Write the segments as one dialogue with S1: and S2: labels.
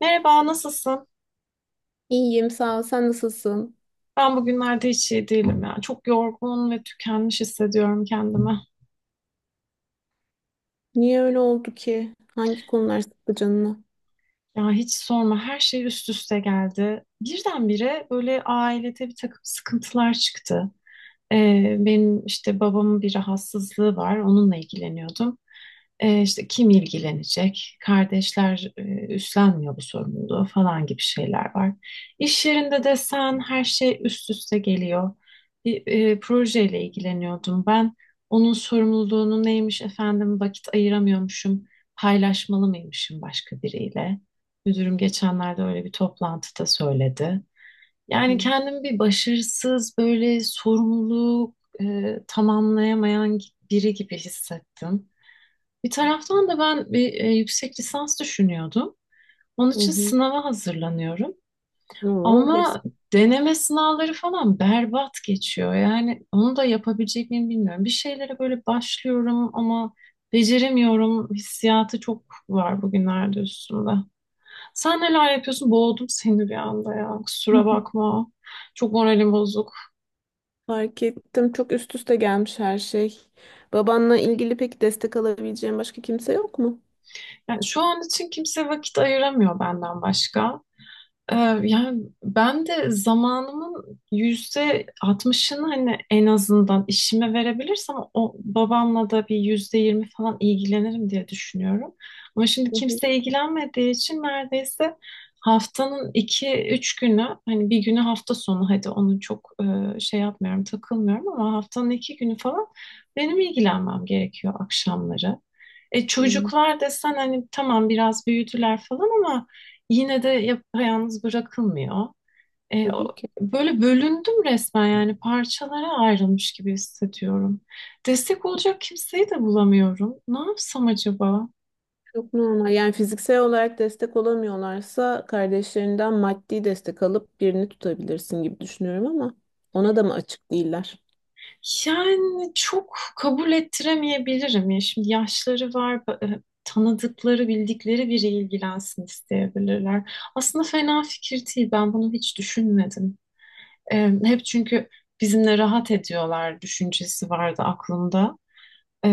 S1: Merhaba, nasılsın?
S2: İyiyim, sağ ol. Sen nasılsın?
S1: Ben bugünlerde hiç iyi değilim ya. Çok yorgun ve tükenmiş hissediyorum kendimi.
S2: Niye öyle oldu ki? Hangi konular sıktı canını?
S1: Ya hiç sorma, her şey üst üste geldi. Birdenbire böyle ailede bir takım sıkıntılar çıktı. Benim işte babamın bir rahatsızlığı var. Onunla ilgileniyordum. İşte kim ilgilenecek? Kardeşler üstlenmiyor bu sorumluluğu falan gibi şeyler var. İş yerinde de sen her şey üst üste geliyor. Bir projeyle ilgileniyordum ben. Onun sorumluluğunu neymiş efendim vakit ayıramıyormuşum. Paylaşmalı mıymışım başka biriyle? Müdürüm geçenlerde öyle bir toplantıda söyledi. Yani kendimi bir başarısız, böyle sorumluluk tamamlayamayan biri gibi hissettim. Bir taraftan da ben bir yüksek lisans düşünüyordum. Onun
S2: Hı
S1: için
S2: hı.
S1: sınava hazırlanıyorum.
S2: Oo, hepsi.
S1: Ama deneme sınavları falan berbat geçiyor. Yani onu da yapabilecek miyim bilmiyorum. Bir şeylere böyle başlıyorum ama beceremiyorum. Hissiyatı çok var bugünlerde üstümde. Sen neler yapıyorsun? Boğdum seni bir anda ya. Kusura bakma. Çok moralim bozuk.
S2: Fark ettim. Çok üst üste gelmiş her şey. Babanla ilgili peki destek alabileceğin başka kimse yok mu?
S1: Yani şu an için kimse vakit ayıramıyor benden başka. Ee, Yani ben de zamanımın %60'ını hani en azından işime verebilirsem o babamla da bir %20 falan ilgilenirim diye düşünüyorum. Ama şimdi
S2: Hı hı.
S1: kimse ilgilenmediği için neredeyse haftanın iki üç günü hani bir günü hafta sonu hadi onu çok şey yapmıyorum takılmıyorum ama haftanın iki günü falan benim ilgilenmem gerekiyor akşamları.
S2: Anladım.
S1: Çocuklar desen hani tamam biraz büyüdüler falan ama yine de yapayalnız bırakılmıyor.
S2: Tabii ki.
S1: Böyle bölündüm resmen yani parçalara ayrılmış gibi hissediyorum. Destek olacak kimseyi de bulamıyorum. Ne yapsam acaba?
S2: Çok normal. Yani fiziksel olarak destek olamıyorlarsa kardeşlerinden maddi destek alıp birini tutabilirsin gibi düşünüyorum ama ona da mı açık değiller?
S1: Yani çok kabul ettiremeyebilirim ya. Şimdi yaşları var, tanıdıkları, bildikleri biri ilgilensin isteyebilirler. Aslında fena fikir değil. Ben bunu hiç düşünmedim. E, Hep çünkü bizimle rahat ediyorlar düşüncesi vardı aklımda. Ee,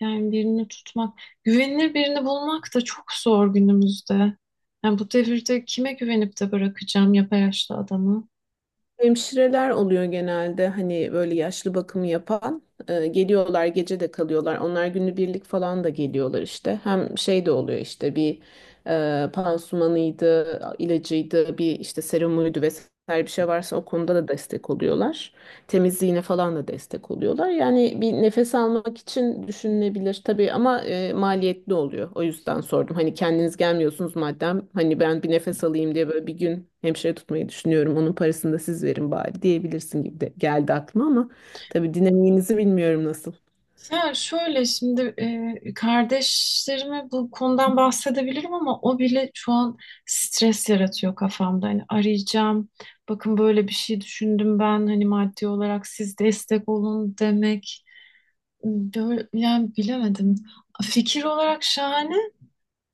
S1: Yani birini tutmak, güvenilir birini bulmak da çok zor günümüzde. Yani bu devirde kime güvenip de bırakacağım yaşlı adamı?
S2: Hemşireler oluyor genelde hani böyle yaşlı bakımı yapan. Geliyorlar gece de kalıyorlar, onlar günübirlik falan da geliyorlar, işte hem şey de oluyor, işte bir pansumanıydı ilacıydı, bir işte serumuydu vesaire bir şey varsa o konuda da destek oluyorlar, temizliğine falan da destek oluyorlar. Yani bir nefes almak için düşünülebilir tabii ama maliyetli oluyor. O yüzden sordum. Hani kendiniz gelmiyorsunuz madem, hani ben bir nefes alayım diye böyle bir gün hemşire tutmayı düşünüyorum. Onun parasını da siz verin bari diyebilirsin gibi de geldi aklıma ama tabii dinamiğinizi bilmiyorum nasıl.
S1: Ya şöyle şimdi kardeşlerime bu konudan bahsedebilirim ama o bile şu an stres yaratıyor kafamda. Hani arayacağım, bakın böyle bir şey düşündüm ben hani maddi olarak siz destek olun demek. Böyle, yani bilemedim. Fikir olarak şahane.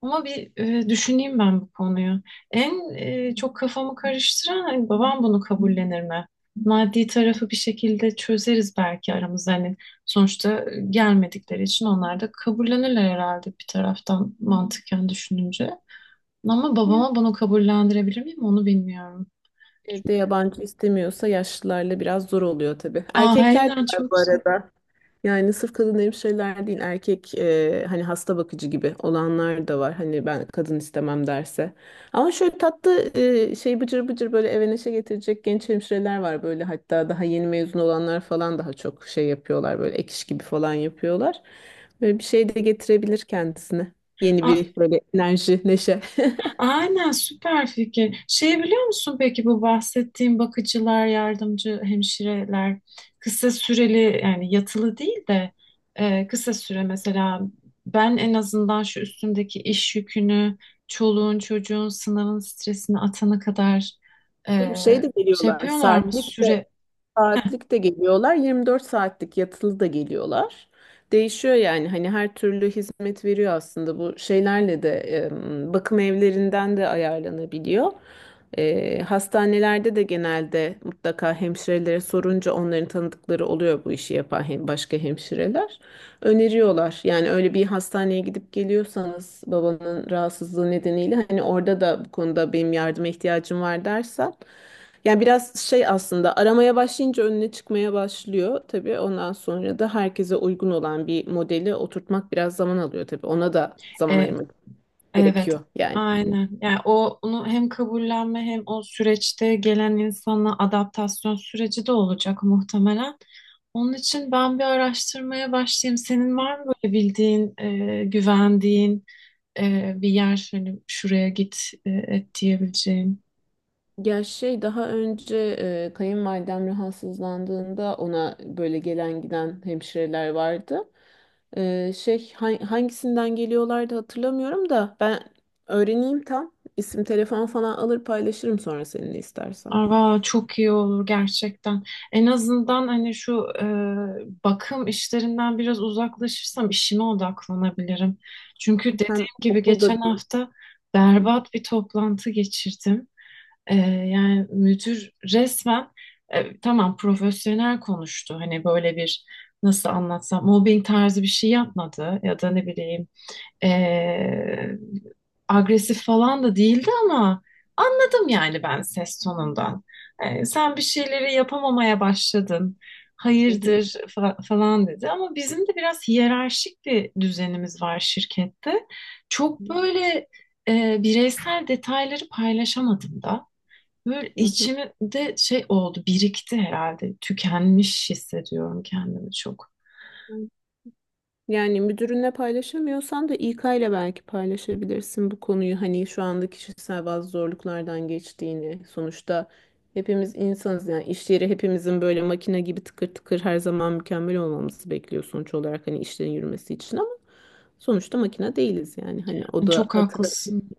S1: Ama bir düşüneyim ben bu konuyu. En çok kafamı karıştıran hani babam bunu kabullenir mi? Maddi tarafı bir şekilde çözeriz belki aramızda. Hani sonuçta gelmedikleri için onlar da kabullenirler herhalde bir taraftan mantıken düşününce. Ama
S2: Ya.
S1: babama bunu kabullendirebilir miyim onu bilmiyorum.
S2: Evde yabancı istemiyorsa yaşlılarla biraz zor oluyor tabii.
S1: Aa,
S2: Erkekler de
S1: aynen
S2: var bu
S1: çok zor.
S2: arada. Yani sırf kadın hemşireler değil, erkek hani hasta bakıcı gibi olanlar da var. Hani ben kadın istemem derse. Ama şöyle tatlı şey bıcır bıcır böyle eve neşe getirecek genç hemşireler var böyle, hatta daha yeni mezun olanlar falan daha çok şey yapıyorlar, böyle ek iş gibi falan yapıyorlar. Böyle bir şey de getirebilir kendisine. Yeni
S1: Aa,
S2: bir böyle enerji, neşe.
S1: aynen süper fikir. Şey biliyor musun peki bu bahsettiğim bakıcılar, yardımcı hemşireler kısa süreli yani yatılı değil de kısa süre mesela ben en azından şu üstümdeki iş yükünü, çoluğun çocuğun sınavın stresini atana kadar e,
S2: Bir şey de
S1: şey
S2: geliyorlar,
S1: yapıyorlar mı
S2: saatlik de
S1: süre
S2: saatlik de geliyorlar, 24 saatlik yatılı da geliyorlar. Değişiyor yani, hani her türlü hizmet veriyor aslında. Bu şeylerle de bakım evlerinden de ayarlanabiliyor. Hastanelerde de genelde mutlaka hemşirelere sorunca onların tanıdıkları oluyor bu işi yapan, hem başka hemşireler öneriyorlar. Yani öyle bir hastaneye gidip geliyorsanız babanın rahatsızlığı nedeniyle, hani orada da bu konuda benim yardıma ihtiyacım var dersen, yani biraz şey, aslında aramaya başlayınca önüne çıkmaya başlıyor tabii. Ondan sonra da herkese uygun olan bir modeli oturtmak biraz zaman alıyor tabii. Ona da zaman
S1: e,
S2: ayırmak
S1: evet,
S2: gerekiyor yani.
S1: aynen. Yani o onu hem kabullenme hem o süreçte gelen insanla adaptasyon süreci de olacak muhtemelen. Onun için ben bir araştırmaya başlayayım. Senin var mı böyle bildiğin, güvendiğin bir yer, hani şuraya git et diyebileceğin?
S2: Ya şey, daha önce kayınvalidem rahatsızlandığında ona böyle gelen giden hemşireler vardı. Şey, hangisinden geliyorlardı hatırlamıyorum da, ben öğreneyim tam. İsim telefon falan alır paylaşırım sonra seninle istersen.
S1: Aa, çok iyi olur gerçekten. En azından hani şu bakım işlerinden biraz uzaklaşırsam işime odaklanabilirim. Çünkü dediğim
S2: Hem
S1: gibi
S2: okulda
S1: geçen
S2: da.
S1: hafta berbat bir toplantı geçirdim. Yani müdür resmen tamam profesyonel konuştu. Hani böyle bir nasıl anlatsam mobbing tarzı bir şey yapmadı ya da ne bileyim ee, agresif falan da değildi ama anladım yani ben ses tonundan. Sen bir şeyleri yapamamaya başladın.
S2: Hı hı.
S1: Hayırdır falan dedi ama bizim de biraz hiyerarşik bir düzenimiz var şirkette. Çok böyle bireysel detayları paylaşamadım da. Böyle
S2: Hı hı.
S1: içimde şey oldu, birikti herhalde. Tükenmiş hissediyorum kendimi çok.
S2: Yani müdürünle paylaşamıyorsan da İK ile belki paylaşabilirsin bu konuyu. Hani şu anda kişisel bazı zorluklardan geçtiğini. Sonuçta hepimiz insanız, yani iş yeri hepimizin böyle makine gibi tıkır tıkır her zaman mükemmel olmamızı bekliyor sonuç olarak, hani işlerin yürümesi için, ama sonuçta makine değiliz yani. Hani o da
S1: Çok
S2: hatırla.
S1: haklısın.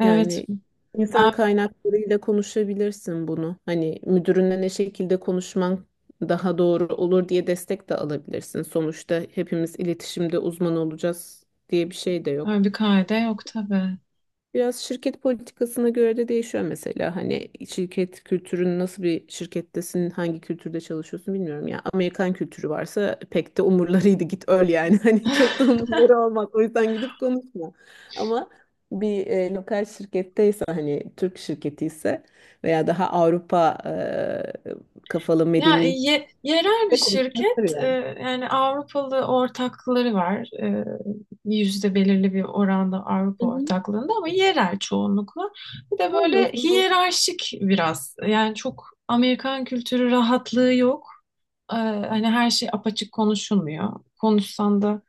S1: Evet,
S2: Yani insan
S1: ben
S2: kaynaklarıyla konuşabilirsin bunu. Hani müdürünle ne şekilde konuşman daha doğru olur diye destek de alabilirsin. Sonuçta hepimiz iletişimde uzman olacağız diye bir şey de yok.
S1: öyle bir kaide yok tabii.
S2: Biraz şirket politikasına göre de değişiyor mesela. Hani şirket kültürün, nasıl bir şirkettesin, hangi kültürde çalışıyorsun bilmiyorum ya. Amerikan kültürü varsa pek de umurlarıydı, git öl yani. Hani çok da umurları olmaz. O yüzden gidip konuşma. Ama bir lokal şirketteyse, hani Türk şirketi ise veya daha Avrupa kafalı
S1: Ya
S2: medeni
S1: yerel bir
S2: de
S1: şirket
S2: konuşulabilir yani.
S1: yani Avrupalı ortakları var. Yüzde belirli bir oranda Avrupa
S2: Hı hı.
S1: ortaklığında ama yerel çoğunlukla. Bir de
S2: Yani o
S1: böyle
S2: zaman
S1: hiyerarşik biraz. Yani çok Amerikan kültürü rahatlığı yok. Hani her şey apaçık konuşulmuyor. Konuşsan da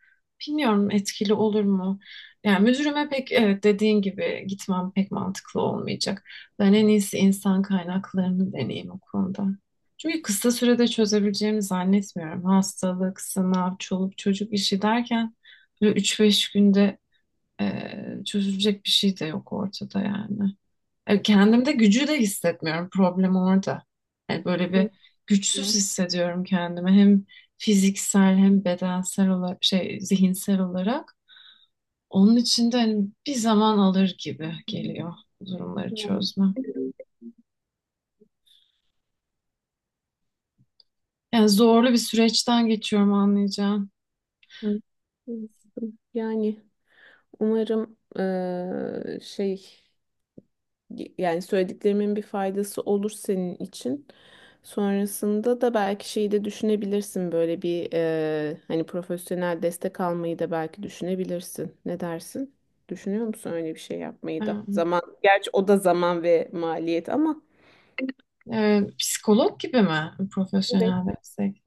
S1: bilmiyorum etkili olur mu? Yani müdürüme pek evet dediğin gibi gitmem pek mantıklı olmayacak. Ben en iyisi insan kaynaklarını deneyeyim o konuda. Çünkü kısa sürede çözebileceğimi zannetmiyorum. Hastalık, sınav, çoluk çocuk işi derken böyle üç beş günde çözülecek bir şey de yok ortada yani. Kendimde gücü de hissetmiyorum. Problem orada. Yani böyle bir güçsüz
S2: konuşulmaz.
S1: hissediyorum kendimi. Hem fiziksel hem bedensel olarak şey zihinsel olarak. Onun için de hani bir zaman alır gibi geliyor bu durumları
S2: Yani.
S1: çözmem. Yani zorlu bir süreçten geçiyorum anlayacağım.
S2: Hı. Yani umarım şey, yani söylediklerimin bir faydası olur senin için. Sonrasında da belki şeyi de düşünebilirsin, böyle bir hani profesyonel destek almayı da belki düşünebilirsin. Ne dersin? Düşünüyor musun öyle bir şey yapmayı da? Zaman, gerçi o da zaman ve maliyet ama
S1: Psikolog gibi mi
S2: evet,
S1: profesyonel destek?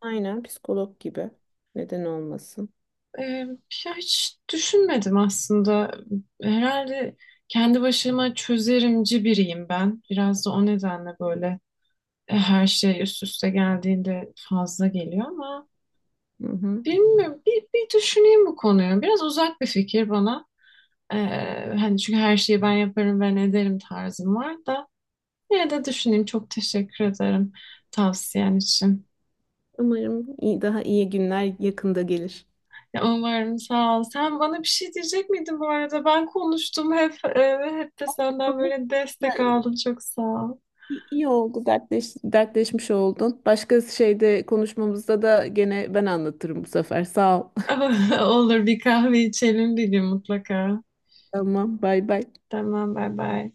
S2: aynen psikolog gibi. Neden olmasın?
S1: Ee, Ya hiç düşünmedim aslında. Herhalde kendi başıma çözerimci biriyim ben. Biraz da o nedenle böyle her şey üst üste geldiğinde fazla geliyor ama
S2: Hı hı.
S1: bilmiyorum. Bir düşüneyim bu konuyu. Biraz uzak bir fikir bana. Ee, Hani çünkü her şeyi ben yaparım, ben ederim tarzım var da. Yine de düşüneyim. Çok teşekkür ederim tavsiyen için.
S2: Umarım iyi, daha iyi günler yakında gelir.
S1: Ya umarım, sağ ol. Sen bana bir şey diyecek miydin bu arada? Ben konuştum hep ve hep de senden
S2: Olur.
S1: böyle destek aldım. Çok sağ ol.
S2: İyi iyi oldu, dertleşmiş oldun. Başka şeyde konuşmamızda da gene ben anlatırım bu sefer. Sağ ol.
S1: Olur, bir kahve içelim bir gün mutlaka.
S2: Tamam, bay bay.
S1: Tamam, bay bay.